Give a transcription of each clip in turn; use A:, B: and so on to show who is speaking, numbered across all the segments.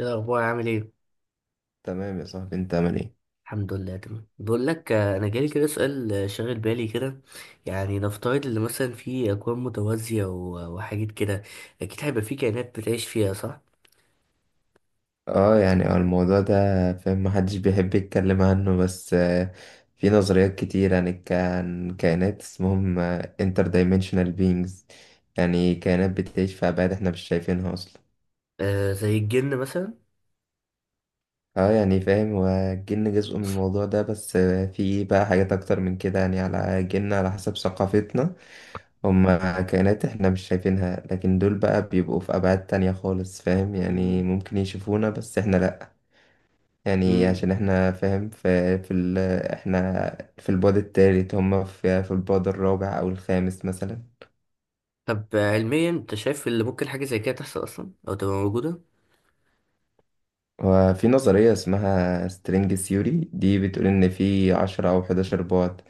A: إيه الأخبار عامل إيه؟
B: تمام يا صاحبي انت عامل ايه؟
A: الحمد لله تمام. بقول لك، أنا جالي كده سؤال شاغل بالي كده. يعني نفترض إن مثلا في أكوان متوازية وحاجات كده، أكيد هيبقى في كائنات بتعيش فيها، صح؟
B: اه يعني الموضوع ده فاهم محدش بيحب يتكلم عنه بس في نظريات كتير عن عن كائنات اسمهم انتر دايمنشنال بينجز. يعني كائنات بتعيش في ابعاد احنا مش شايفينها اصلا.
A: آه، زي الجن مثلا؟
B: اه يعني فاهم، والجن جزء من الموضوع ده بس في بقى حاجات اكتر من كده، يعني على جن على حسب ثقافتنا. هم كائنات احنا مش شايفينها، لكن دول بقى بيبقوا في ابعاد تانية خالص فاهم. يعني
A: مم.
B: ممكن يشوفونا بس احنا لا. يعني
A: مم.
B: عشان احنا فاهم في في ال احنا في البعد التالت، هم في البعد الرابع او الخامس مثلا.
A: طب علميا أنت شايف اللي ممكن حاجة زي كده تحصل أصلا أو تبقى موجودة؟
B: وفي نظرية اسمها سترينج ثيوري، دي بتقول ان في 10 او 11 بعد،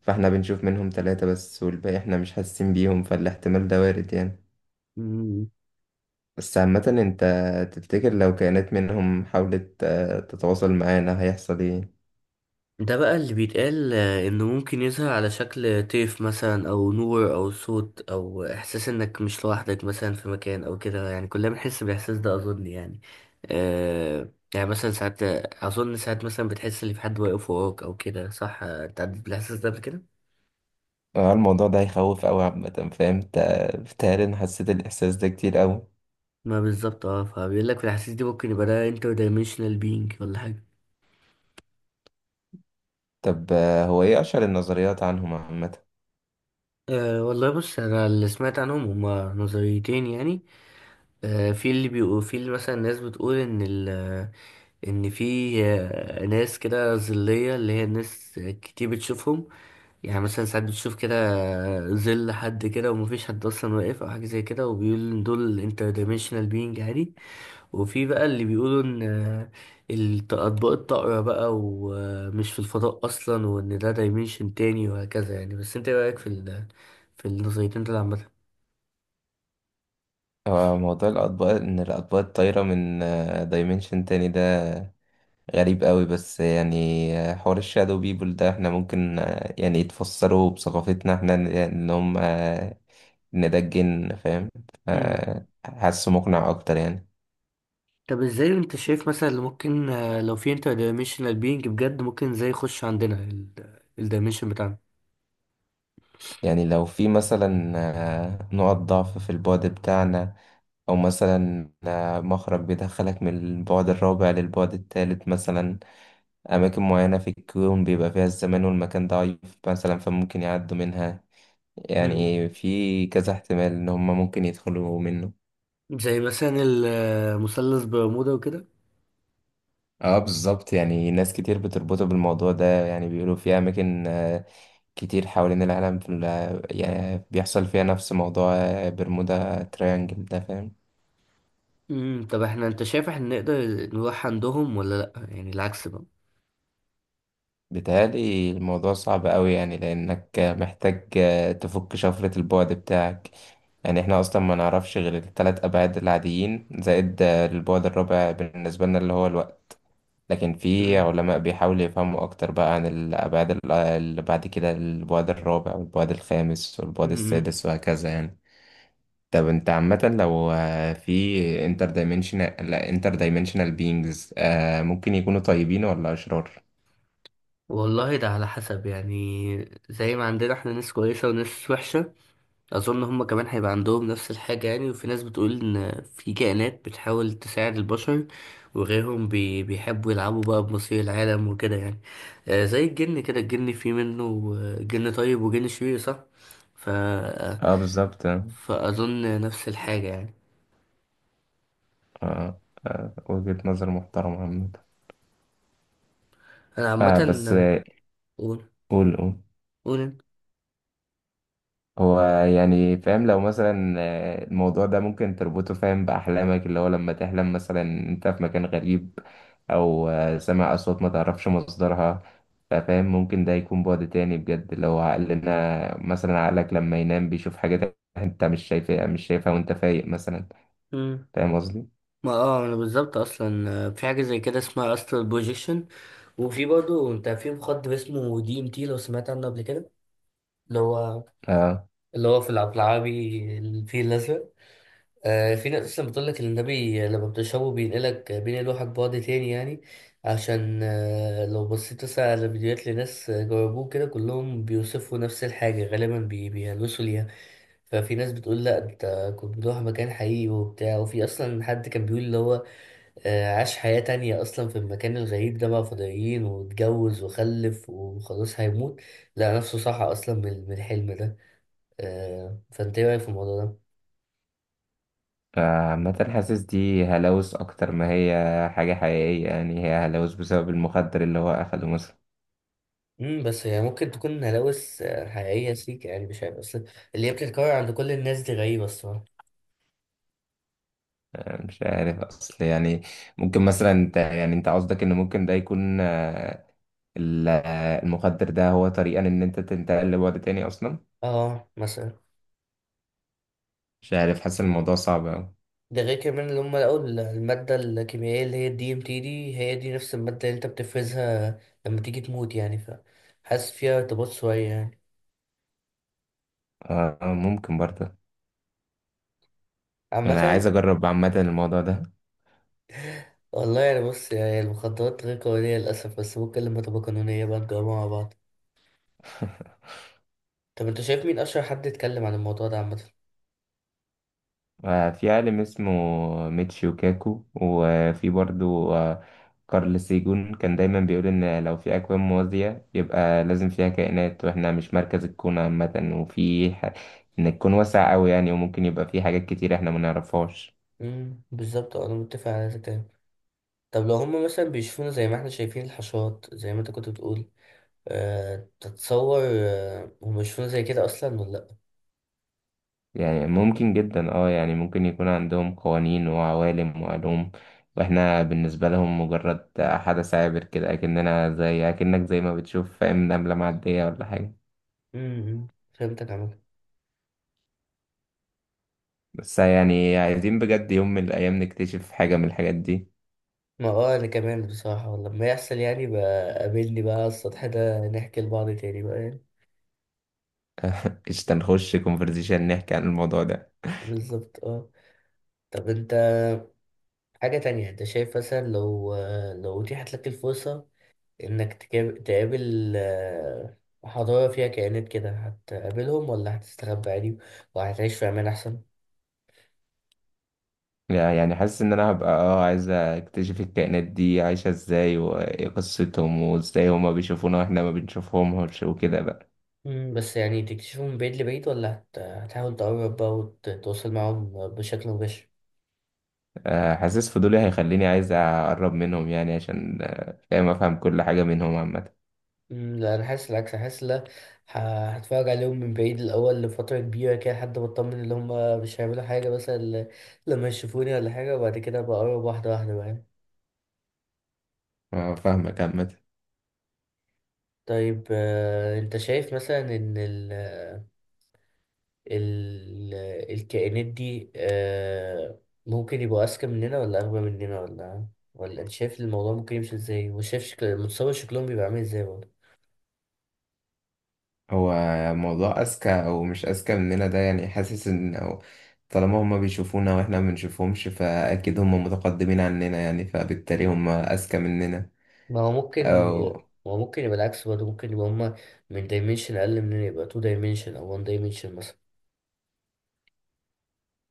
B: فاحنا بنشوف منهم 3 بس، والباقي احنا مش حاسين بيهم، فالاحتمال ده وارد يعني. بس عامة انت تفتكر لو كائنات منهم حاولت تتواصل معانا هيحصل ايه؟
A: ده بقى اللي بيتقال انه ممكن يظهر على شكل طيف مثلا او نور او صوت او احساس انك مش لوحدك مثلا في مكان او كده، يعني كلنا بنحس بالاحساس ده اظن يعني. آه يعني مثلا ساعات، اظن ساعات مثلا بتحس ان في حد واقف وراك او كده، صح؟ انت عديت بالاحساس ده قبل كده؟
B: اه الموضوع ده هيخوف أوي عامة فاهم؟ بتهيألي أنا حسيت الإحساس ده كتير أوي.
A: ما بالظبط فبيقول لك في الاحاسيس دي ممكن يبقى ده انتر دايمنشنال بينج ولا حاجه.
B: طب هو ايه اشهر النظريات عنهم عامه؟
A: أه والله بص، انا اللي سمعت عنهم هما نظريتين يعني. أه، في اللي بيقول، في اللي مثلا الناس بتقول ان ان في ناس كده ظلية، اللي هي الناس كتير بتشوفهم. يعني مثلا ساعات بتشوف كده ظل حد كده ومفيش حد اصلا واقف او حاجة زي كده، وبيقول ان دول انتر دايمنشنال بينج عادي. وفي بقى اللي بيقولوا ان، اطباق الطائرة بقى، ومش في الفضاء اصلا، وان ده دايمنشن تاني وهكذا يعني. بس انت ايه رأيك في في النظريتين دول
B: هو موضوع الاطباق، ان الاطباق الطايره من دايمنشن تاني ده غريب قوي بس يعني حوار الشادو بيبول ده احنا ممكن يعني يتفسروا بثقافتنا احنا ان إن هم ان ده الجن فاهم.
A: عامة؟
B: حاسه مقنع اكتر يعني.
A: طب ازاي انت شايف مثلا اللي ممكن، لو في انتر دايمنشنال بينج بجد، ممكن ازاي يخش عندنا الدايمنشن بتاعنا؟
B: يعني لو في مثلا نقط ضعف في البعد بتاعنا، او مثلا مخرج بيدخلك من البعد الرابع للبعد الثالث مثلا. أماكن معينة في الكون بيبقى فيها الزمان والمكان ضعيف مثلا، فممكن يعدوا منها.
A: مم.
B: يعني في كذا احتمال إن هما ممكن يدخلوا منه.
A: زي مثلا المثلث برمودا وكده.
B: اه بالظبط، يعني ناس كتير بتربطه بالموضوع ده. يعني بيقولوا في أماكن كتير حوالين العالم يعني بيحصل فيها نفس موضوع برمودا تريانجل ده فاهم.
A: مم. طب احنا، انت شايف احنا نقدر نروح عندهم ولا لأ؟ يعني العكس بقى.
B: بيتهيألي الموضوع صعب أوي، يعني لأنك محتاج تفك شفرة البعد بتاعك. يعني احنا أصلا ما نعرفش غير التلات أبعاد العاديين زائد البعد الرابع بالنسبة لنا اللي هو الوقت، لكن في
A: مم.
B: علماء بيحاولوا يفهموا أكتر بقى عن الأبعاد اللي بعد كده، البعد الرابع والبعد الخامس والبعد
A: مم.
B: السادس وهكذا يعني. طب انت عامة لو في انتر دايمنشنال، لا، انتر دايمنشنال بينجز، ممكن يكونوا طيبين ولا أشرار؟
A: والله ده على حسب. يعني زي ما عندنا احنا ناس كويسة وناس وحشة، اظن هما كمان هيبقى عندهم نفس الحاجة يعني. وفي ناس بتقول ان في كائنات بتحاول تساعد البشر، وغيرهم بيحبوا يلعبوا بقى بمصير العالم وكده يعني. آه زي الجن كده، الجن في منه جن طيب وجن شرير، صح؟ ف
B: اه بالظبط.
A: فأظن نفس الحاجة يعني.
B: آه. آه. وجهة نظر محترمة عامة.
A: أنا عامة.
B: آه بس
A: قول
B: قول قول.
A: قول أنت.
B: هو يعني فاهم لو مثلا الموضوع ده ممكن تربطه فاهم بأحلامك، اللي هو لما تحلم مثلا أنت في مكان غريب، أو سامع أصوات ما تعرفش مصدرها، فاهم ممكن ده يكون بعد تاني بجد لو عقلنا مثلا، عقلك لما ينام بيشوف حاجات أنت مش شايفها، مش شايفها وأنت فايق مثلا.
A: مم.
B: فاهم قصدي؟
A: ما أنا بالظبط أصلا في حاجة زي كده اسمها أسترال بروجيكشن. وفي برضه، أنت في مخدر اسمه دي إم تي، لو سمعت عنه قبل كده، اللي هو،
B: آه.
A: اللي هو في العبد العابي الفيل الأزرق. آه، في ناس أصلا بتقول لك إن النبي لما بتشربه بينقلك بينقلوحك بعد تاني يعني. عشان لو بصيت مثلا على فيديوهات لناس جربوه كده، كلهم بيوصفوا نفس الحاجة غالبا، بيهلوسوا ليها. ففي ناس بتقول لا، انت كنت بتروح مكان حقيقي وبتاع. وفي اصلا حد كان بيقول اللي هو عاش حياة تانية اصلا في المكان الغريب ده، مع فضائيين واتجوز وخلف، وخلاص هيموت، لقى نفسه صحى اصلا من الحلم ده. فانت ايه رايك في الموضوع ده؟
B: فعامة حاسس دي هلاوس أكتر ما هي حاجة حقيقية، يعني هي هلاوس بسبب المخدر اللي هو أخده مثلا.
A: بس هي ممكن تكون هلاوس حقيقيه سيك يعني. مش عارف، اصل اللي هي بتتكرر عند كل الناس دي، غريبه الصراحه.
B: أنا مش عارف أصل يعني. ممكن مثلا أنت، يعني أنت قصدك إن ممكن ده يكون المخدر ده هو طريقة إن أنت تنتقل لبعد تاني أصلا.
A: اه مثلا.
B: مش عارف، حاسس إن الموضوع صعب أوي.
A: ده غير كمان اللي هم لقوا الماده الكيميائيه اللي هي الدي ام تي، دي هي دي نفس الماده اللي انت بتفرزها لما تيجي تموت يعني، فحاسس فيها ارتباط شويه يعني.
B: آه آه، ممكن برضه. أنا
A: عامه.
B: عايز أجرب عامة الموضوع ده.
A: والله يعني، بص، يعني المخدرات غير قانونيه للاسف، بس ممكن لما تبقى قانونيه بقى نجربها مع بعض. طب انت شايف مين اشهر حد يتكلم عن الموضوع ده عامه؟
B: في عالم اسمه ميتشيو كاكو، وفي برضو كارل سيجون، كان دايما بيقول إن لو في أكوان موازية يبقى لازم فيها كائنات، وإحنا مش مركز الكون عامة. إن الكون واسع أوي يعني، وممكن يبقى فيه حاجات كتير إحنا منعرفهاش.
A: بالظبط، انا متفق على ده. طب لو هم مثلا بيشوفونا زي ما احنا شايفين الحشرات، زي ما انت كنت بتقول، أه تتصور هم بيشوفونا زي كده اصلا ولا لا؟
B: يعني ممكن جدا يعني ممكن يكون عندهم قوانين وعوالم وعلوم، واحنا بالنسبة لهم مجرد حدث عابر كده، أكننا زي أكنك زي ما بتشوف فاهم نملة معدية ولا حاجة.
A: امم. فهمتك عمك.
B: بس يعني عايزين بجد يوم من الأيام نكتشف حاجة من الحاجات دي.
A: ما انا كمان بصراحة. ولما يحصل يعني بقى، قابلني بقى على السطح ده نحكي لبعض تاني بقى يعني.
B: قشطة نخش كونفرزيشن نحكي عن الموضوع ده.
A: بالظبط، اه. طب انت، حاجة تانية، انت شايف مثلا لو، لو اتيحت لك الفرصة انك تقابل حضارة فيها كائنات كده، هتقابلهم ولا هتستخبى عادي وهتعيش في امان احسن؟
B: لا، يعني حاسس إن أنا هبقى عايز أكتشف الكائنات دي عايشة إزاي، وإيه قصتهم، وإزاي هما بيشوفونا وإحنا ما بنشوفهمش وكده بقى.
A: مم، بس يعني تكتشفهم من بعيد لبعيد، ولا هتحاول تقرب بقى وتتواصل معاهم بشكل مباشر؟
B: حاسس فضولي هيخليني عايز أقرب منهم، يعني عشان فاهم أفهم كل حاجة منهم عامة.
A: مم، لا أنا حاسس العكس، أنا حاسس لا، هتفرج عليهم من بعيد الأول لفترة كبيرة كده، لحد ما أطمن إن هما مش هيعملوا حاجة مثلا لما يشوفوني ولا حاجة، وبعد كده بقرب واحدة واحدة بقى.
B: فاهمك عامة.
A: طيب أنت شايف مثلا إن ال... الكائنات دي ممكن يبقوا أذكى مننا ولا أغبى مننا، ولا أنت شايف الموضوع ممكن يمشي إزاي؟ وشايف شكل، متصور شكلهم بيبقى عامل إزاي برضه؟
B: هو موضوع أذكى أو مش أذكى مننا ده، يعني حاسس إن، أو طالما هما بيشوفونا وإحنا ما بنشوفهمش فأكيد هما متقدمين عننا، يعني فبالتالي هما أذكى مننا.
A: ما هو ممكن ي...
B: أو
A: ما هو ممكن يبقى العكس برضه، ممكن يبقى هما من دايمنشن أقل مننا، يبقى تو دايمنشن أو وان دايمنشن مثلا.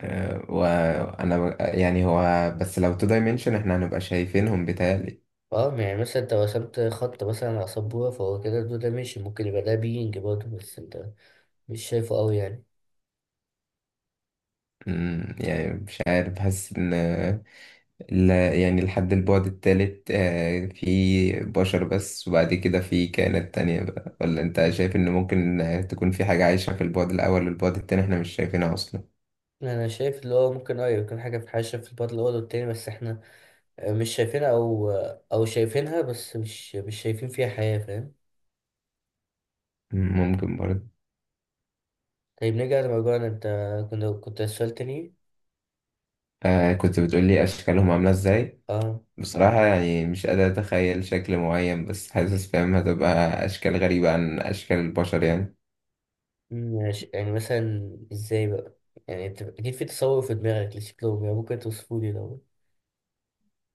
B: يعني هو بس لو تو دايمنشن إحنا هنبقى شايفينهم بيتهيألي.
A: اه يعني مثلا انت رسمت خط مثلا على سبورة، فهو كده تو دايمنشن، ممكن يبقى ده بينج برضه بس انت مش شايفه قوي يعني.
B: يعني مش عارف، بحس إن لا يعني لحد البعد التالت في بشر بس، وبعد كده في كائنات تانية بقى، ولا انت
A: مم.
B: شايف ان ممكن تكون في حاجة عايشة في البعد الأول والبعد التاني احنا مش شايفينها أصلا.
A: انا شايف اللي هو ممكن اه يكون حاجة، في البطل الأول والتاني، بس احنا مش شايفينها، او او شايفينها بس مش شايفين فيها حياة، فاهم؟
B: ممكن برضه.
A: طيب نرجع لموضوعنا، انت كنت سؤال تاني.
B: آه، كنت بتقولي أشكالهم عاملة ازاي.
A: اه.
B: بصراحة يعني مش قادر أتخيل شكل معين، بس حاسس فاهم هتبقى أشكال غريبة عن أشكال البشر يعني.
A: ماشي، يعني مثلا ازاي بقى؟ يعني انت اكيد في تصور في دماغك لشكلهم، يعني ممكن توصفه لي لو؟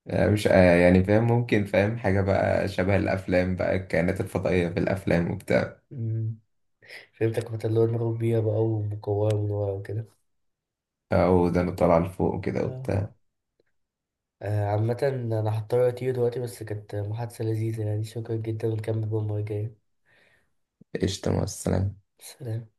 B: آه، مش يعني فاهم ممكن فاهم حاجة بقى شبه الأفلام بقى، الكائنات الفضائية في الأفلام وبتاع،
A: مم. فهمتك، مثلا اللي هو دماغهم بيها بقى ومكورة من ورا وكده.
B: أو ده طالعة لفوق وكده
A: اه.
B: وبتاع.
A: عامة أنا هضطر أطير دلوقتي، بس كانت محادثة لذيذة يعني، شكرا جدا ونكمل بقى المرة الجاية.
B: قشطة، مع السلامة.
A: سلام.